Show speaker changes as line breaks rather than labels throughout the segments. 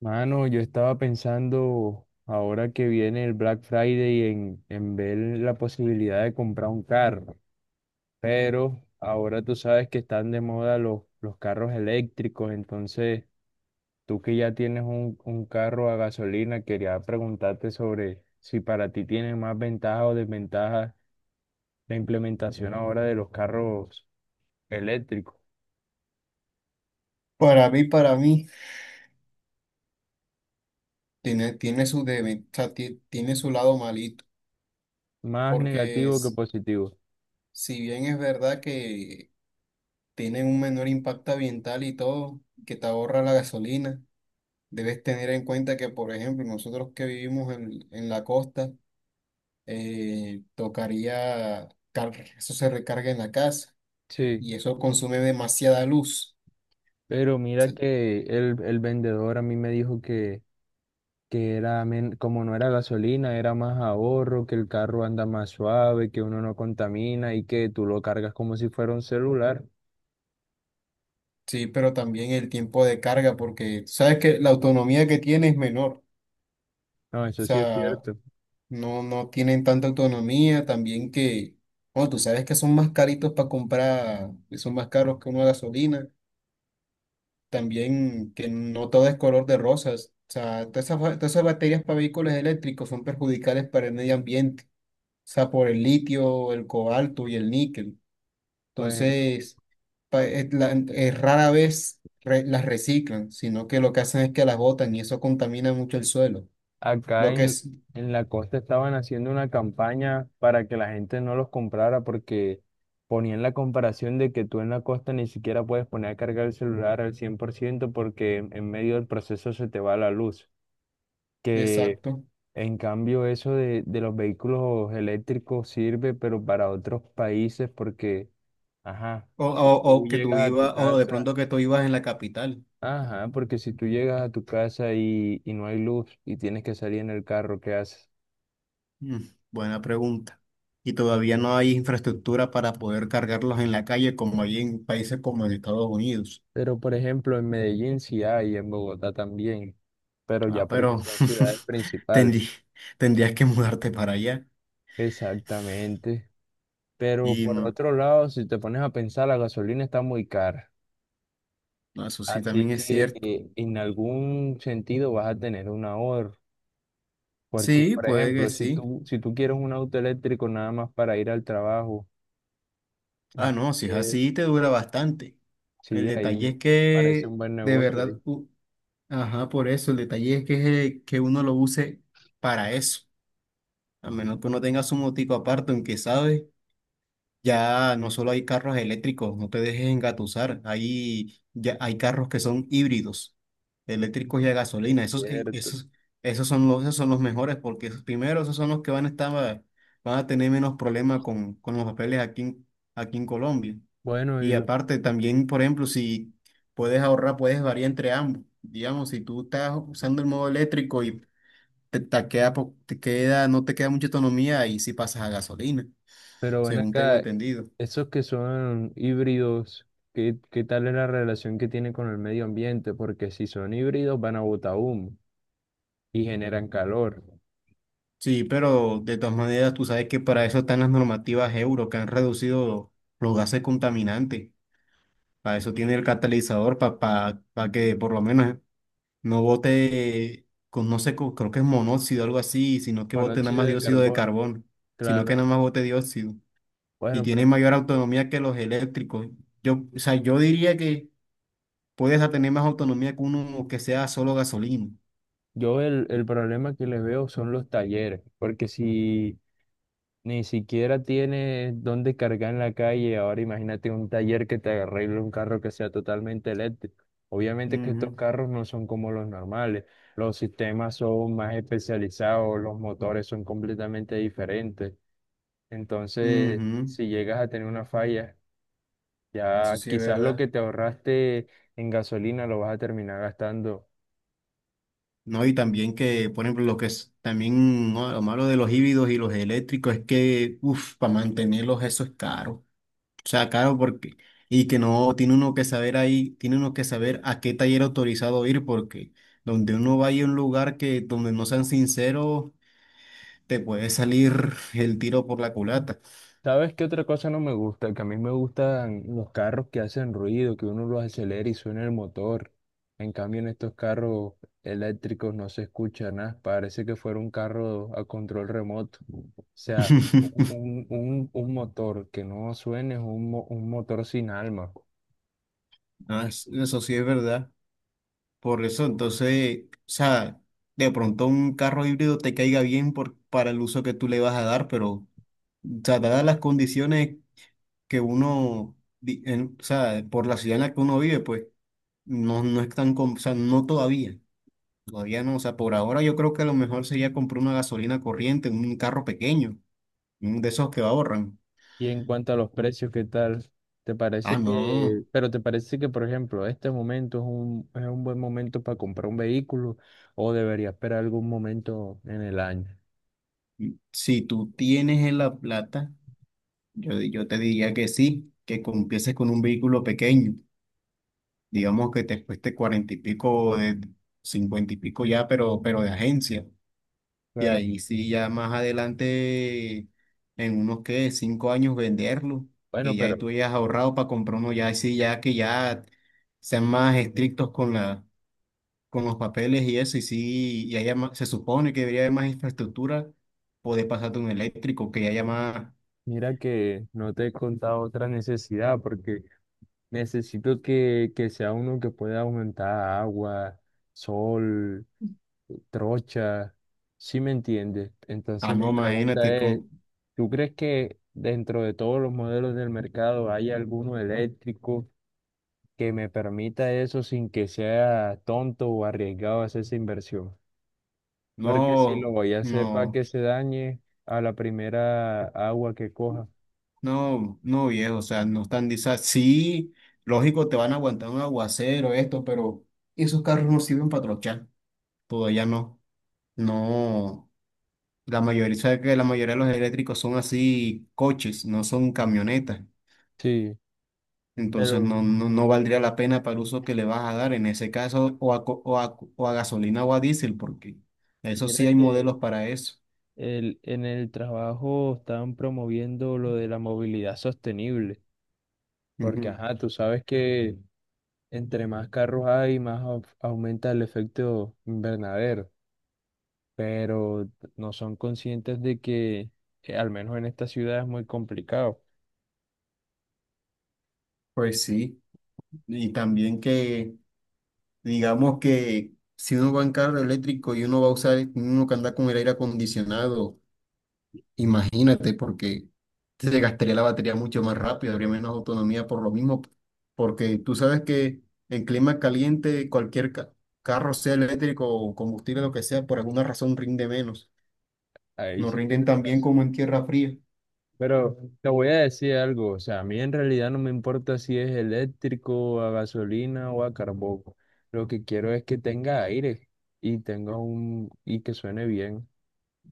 Mano, yo estaba pensando ahora que viene el Black Friday en ver la posibilidad de comprar un carro, pero ahora tú sabes que están de moda los carros eléctricos, entonces tú que ya tienes un carro a gasolina, quería preguntarte sobre si para ti tiene más ventajas o desventajas la implementación ahora de los carros eléctricos,
Para mí, tiene su o sea, tiene su lado malito,
más
porque
negativo que positivo.
si bien es verdad que tienen un menor impacto ambiental y todo, que te ahorra la gasolina, debes tener en cuenta que, por ejemplo, nosotros que vivimos en la costa, tocaría, eso se recarga en la casa
Sí,
y eso consume demasiada luz.
pero mira
Se-
que el vendedor a mí me dijo que que era, como no era gasolina, era más ahorro, que el carro anda más suave, que uno no contamina y que tú lo cargas como si fuera un celular.
Sí, pero también el tiempo de carga, porque sabes que la autonomía que tiene es menor.
No,
O
eso sí es
sea,
cierto.
no tienen tanta autonomía, también que, bueno, tú sabes que son más caritos para comprar, que son más caros que una gasolina, también que no todo es color de rosas, o sea, todas esas baterías para vehículos eléctricos son perjudiciales para el medio ambiente, o sea, por el litio, el cobalto y el níquel.
Bueno,
Entonces, es rara vez las reciclan, sino que lo que hacen es que las botan y eso contamina mucho el suelo.
acá
Lo que
en,
es,
en la costa estaban haciendo una campaña para que la gente no los comprara porque ponían la comparación de que tú en la costa ni siquiera puedes poner a cargar el celular al 100% porque en medio del proceso se te va la luz. Que
exacto.
En cambio, eso de los vehículos eléctricos sirve, pero para otros países, porque, ajá,
O, o,
si tú
o que tú
llegas a tu
ibas, o de
casa,
pronto que tú ibas en la capital.
ajá, porque si tú llegas a tu casa y no hay luz y tienes que salir en el carro, ¿qué haces?
Mm, buena pregunta. Y todavía no hay infraestructura para poder cargarlos en la calle como hay en países como en Estados Unidos.
Pero, por ejemplo, en Medellín sí hay, en Bogotá también, pero ya
Ah,
porque
pero
son ciudades principales.
tendrí- tendrías que mudarte para allá.
Exactamente. Pero
Y
por
no,
otro lado, si te pones a pensar, la gasolina está muy cara.
no, eso sí
Así
también es
que
cierto.
en algún sentido vas a tener un ahorro. Porque,
Sí,
por
puede que
ejemplo,
sí.
si tú quieres un auto eléctrico nada más para ir al trabajo,
Ah, no, si es
entonces,
así, te dura bastante. El
sí, ahí
detalle
me
es
parece
que,
un buen
de
negocio,
verdad,
¿viste?
ajá, por eso, el detalle es que uno lo use para eso. A menos que uno tenga su motico aparte, aunque sabes, ya no solo hay carros eléctricos, no te dejes engatusar, ya hay carros que son híbridos, eléctricos y
Ujú.
a gasolina,
Cierto.
esos son los mejores, porque primero esos son los que van a tener menos problemas con, los papeles aquí, aquí en Colombia.
Bueno, y
Y
lo-
aparte también, por ejemplo, si puedes ahorrar, puedes variar entre ambos. Digamos, si tú estás usando el modo eléctrico y te queda, po- te queda, no te queda mucha autonomía y si pasas a gasolina,
pero ven
según tengo
acá,
entendido.
esos que son híbridos, ¿ qué tal es la relación que tienen con el medio ambiente? Porque si son híbridos van a botar humo y generan calor,
Sí, pero de todas maneras tú sabes que para eso están las normativas euro que han reducido los gases contaminantes. Para eso tiene el catalizador, para que por lo menos no bote con, no sé, creo que es monóxido o algo así, sino que bote nada
monóxido
más
de
dióxido de
carbono,
carbono, sino
claro.
que nada más bote dióxido. Y
Bueno,
tiene
pero
mayor autonomía que los eléctricos. Yo, o sea, yo diría que puedes a tener más autonomía que uno que sea solo gasolina.
yo el problema que les veo son los talleres. Porque si Ni siquiera tienes dónde cargar en la calle. Ahora imagínate un taller que te arregle un carro que sea totalmente eléctrico. Obviamente que estos
Ujú,
carros no son como los normales. Los sistemas son más especializados, los motores son completamente diferentes. Entonces,
ujú.
si llegas a tener una falla,
Eso
ya
sí es
quizás lo
verdad.
que te ahorraste en gasolina lo vas a terminar gastando.
No, y también que, por ejemplo, lo que es también, ¿no? Lo malo de los híbridos y los eléctricos es que, uff, para mantenerlos eso es caro. O sea, caro porque, y que no, tiene uno que saber ahí, tiene uno que saber a qué taller autorizado ir porque donde uno vaya a un lugar que, donde no sean sinceros, te puede salir el tiro por la culata.
¿Sabes qué otra cosa no me gusta? Que a mí me gustan los carros que hacen ruido, que uno los acelera y suena el motor. En cambio, en estos carros eléctricos no se escucha nada. Parece que fuera un carro a control remoto. O sea, un motor que no suene es un motor sin alma.
Ah, eso sí es verdad. Por eso, entonces, o sea, de pronto un carro híbrido te caiga bien por, para el uso que tú le vas a dar, pero, o sea, dadas las condiciones que uno, o sea, por la ciudad en la que uno vive, pues, no, no es tan, o sea, no todavía, todavía no, o sea, por ahora yo creo que lo mejor sería comprar una gasolina corriente, un carro pequeño, un de esos que ahorran.
Y en cuanto a los precios, ¿qué tal? ¿Te
Ah,
parece
no,
que, Pero te parece que, por ejemplo, este momento es es un buen momento para comprar un vehículo o debería esperar algún momento en el año?
si tú tienes la plata, yo te diría que sí, que empieces con un vehículo pequeño digamos que te cueste cuarenta y pico, de cincuenta y pico ya, pero de agencia. Y
Claro.
ahí sí, ya más adelante, en unos que 5 años venderlo, que
Bueno,
ya
pero
tú hayas ahorrado para comprar uno, ya sí, ya que ya sean más estrictos con la, con los papeles y eso, y sí, y se supone que debería haber más infraestructura, poder pasarte un eléctrico, que haya más,
mira que no te he contado otra necesidad, porque necesito que sea uno que pueda aumentar agua, sol, trocha, ¿sí me entiendes?
ah,
Entonces mi
no,
pregunta
imagínate,
es,
con,
¿tú crees que dentro de todos los modelos del mercado hay alguno eléctrico que me permita eso sin que sea tonto o arriesgado hacer esa inversión? Porque si lo
no,
voy a hacer para
no.
que se dañe a la primera agua que coja.
No, no viejo, o sea, no están, sí, lógico, te van a aguantar un aguacero, esto, pero esos carros no sirven para trochar, todavía no, no, la mayoría, sabes que la mayoría de los eléctricos son así coches, no son camionetas,
Sí,
entonces
pero
no, no, no valdría la pena para el uso que le vas a dar en ese caso, o a gasolina o a diésel, porque eso
mira
sí hay
que
modelos para eso.
en el trabajo están promoviendo lo de la movilidad sostenible, porque
Ujú.
ajá, tú sabes que entre más carros hay, aumenta el efecto invernadero, pero no son conscientes de que, al menos en esta ciudad, es muy complicado.
Pues sí, y también que... Digamos que si uno va en carro eléctrico y uno va a usar, uno que anda con el aire acondicionado, imagínate, porque se gastaría la batería mucho más rápido, habría menos autonomía por lo mismo, porque tú sabes que en clima caliente cualquier carro, sea eléctrico o combustible, lo que sea, por alguna razón rinde menos.
Ahí
No
sí
rinden
tienes
tan bien como
razón.
en tierra fría
Pero te voy a decir algo, o sea, a mí en realidad no me importa si es eléctrico, a gasolina o a carbón. Lo que quiero es que tenga aire y tenga un y que suene bien.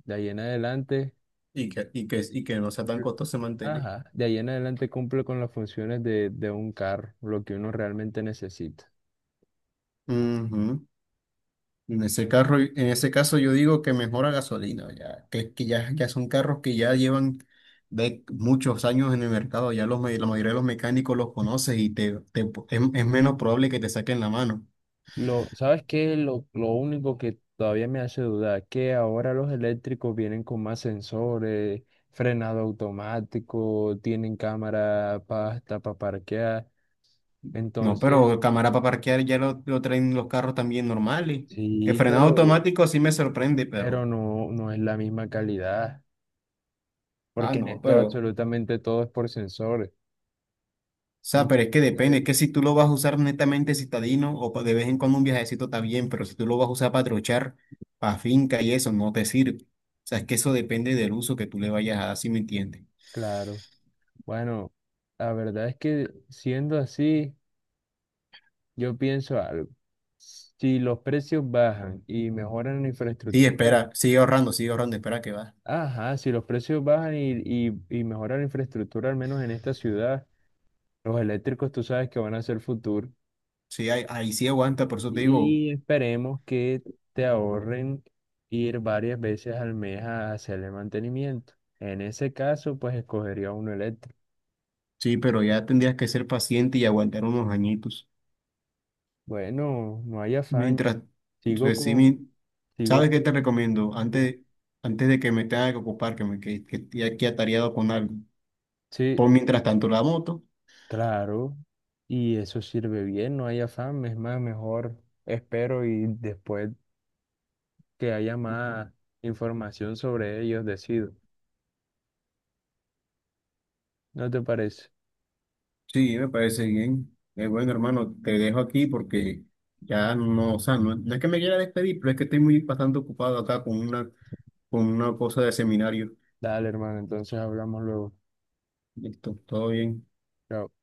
De ahí en adelante,
y que, y que, y que no sea tan
cumple-
costoso mantener.
ajá, de ahí en adelante cumple con las funciones de un carro, lo que uno realmente necesita.
Ujú. En ese carro, en ese caso yo digo que mejora gasolina, ya, ya son carros que ya llevan de muchos años en el mercado, ya la mayoría de los mecánicos los conoces y es menos probable que te saquen la mano.
¿Sabes qué? Lo único que todavía me hace dudar, que ahora los eléctricos vienen con más sensores, frenado automático, tienen cámara para hasta para parquear.
No,
Entonces,
pero cámara para parquear ya lo traen los carros también normales. El
sí,
frenado
pero,
automático sí me sorprende, pero...
no es la misma calidad,
Ah,
porque en
no,
esto
pero...
absolutamente todo es por sensores.
O sea, pero es que depende,
Entonces,
es que si tú lo vas a usar netamente citadino o de vez en cuando un viajecito está bien, pero si tú lo vas a usar para trochar, para finca y eso, no te sirve. O sea, es que eso depende del uso que tú le vayas a dar, si me entiendes.
claro, bueno, la verdad es que siendo así, yo pienso algo. Si los precios bajan y mejoran la
Sí,
infraestructura,
espera, sigue ahorrando, espera que va.
ajá, si los precios bajan y mejora la infraestructura, al menos en esta ciudad, los eléctricos tú sabes que van a ser futuro.
Sí, ahí, ahí sí aguanta, por eso te digo,
Y esperemos que te ahorren ir varias veces al mes a hacerle mantenimiento. En ese caso, pues escogería uno eléctrico.
sí, pero ya tendrías que ser paciente y aguantar unos añitos.
Bueno, no hay afán.
Mientras,
Sigo
pues,
con,
sí,
sigo
¿sabes qué te
con.
recomiendo?
Bien.
Antes, antes de que me tenga que ocupar, que me que, esté aquí atareado con algo,
Sí,
pon mientras tanto la moto.
claro. Y eso sirve bien, no hay afán. Es más, mejor espero y después que haya más información sobre ellos, decido. ¿No te parece?
Sí, me parece bien. Bueno, hermano, te dejo aquí porque ya no, o sea, no, no es que me quiera despedir, pero es que estoy muy bastante ocupado acá con una, cosa de seminario.
Dale, hermano, entonces hablamos luego.
Listo, todo bien.
Chao.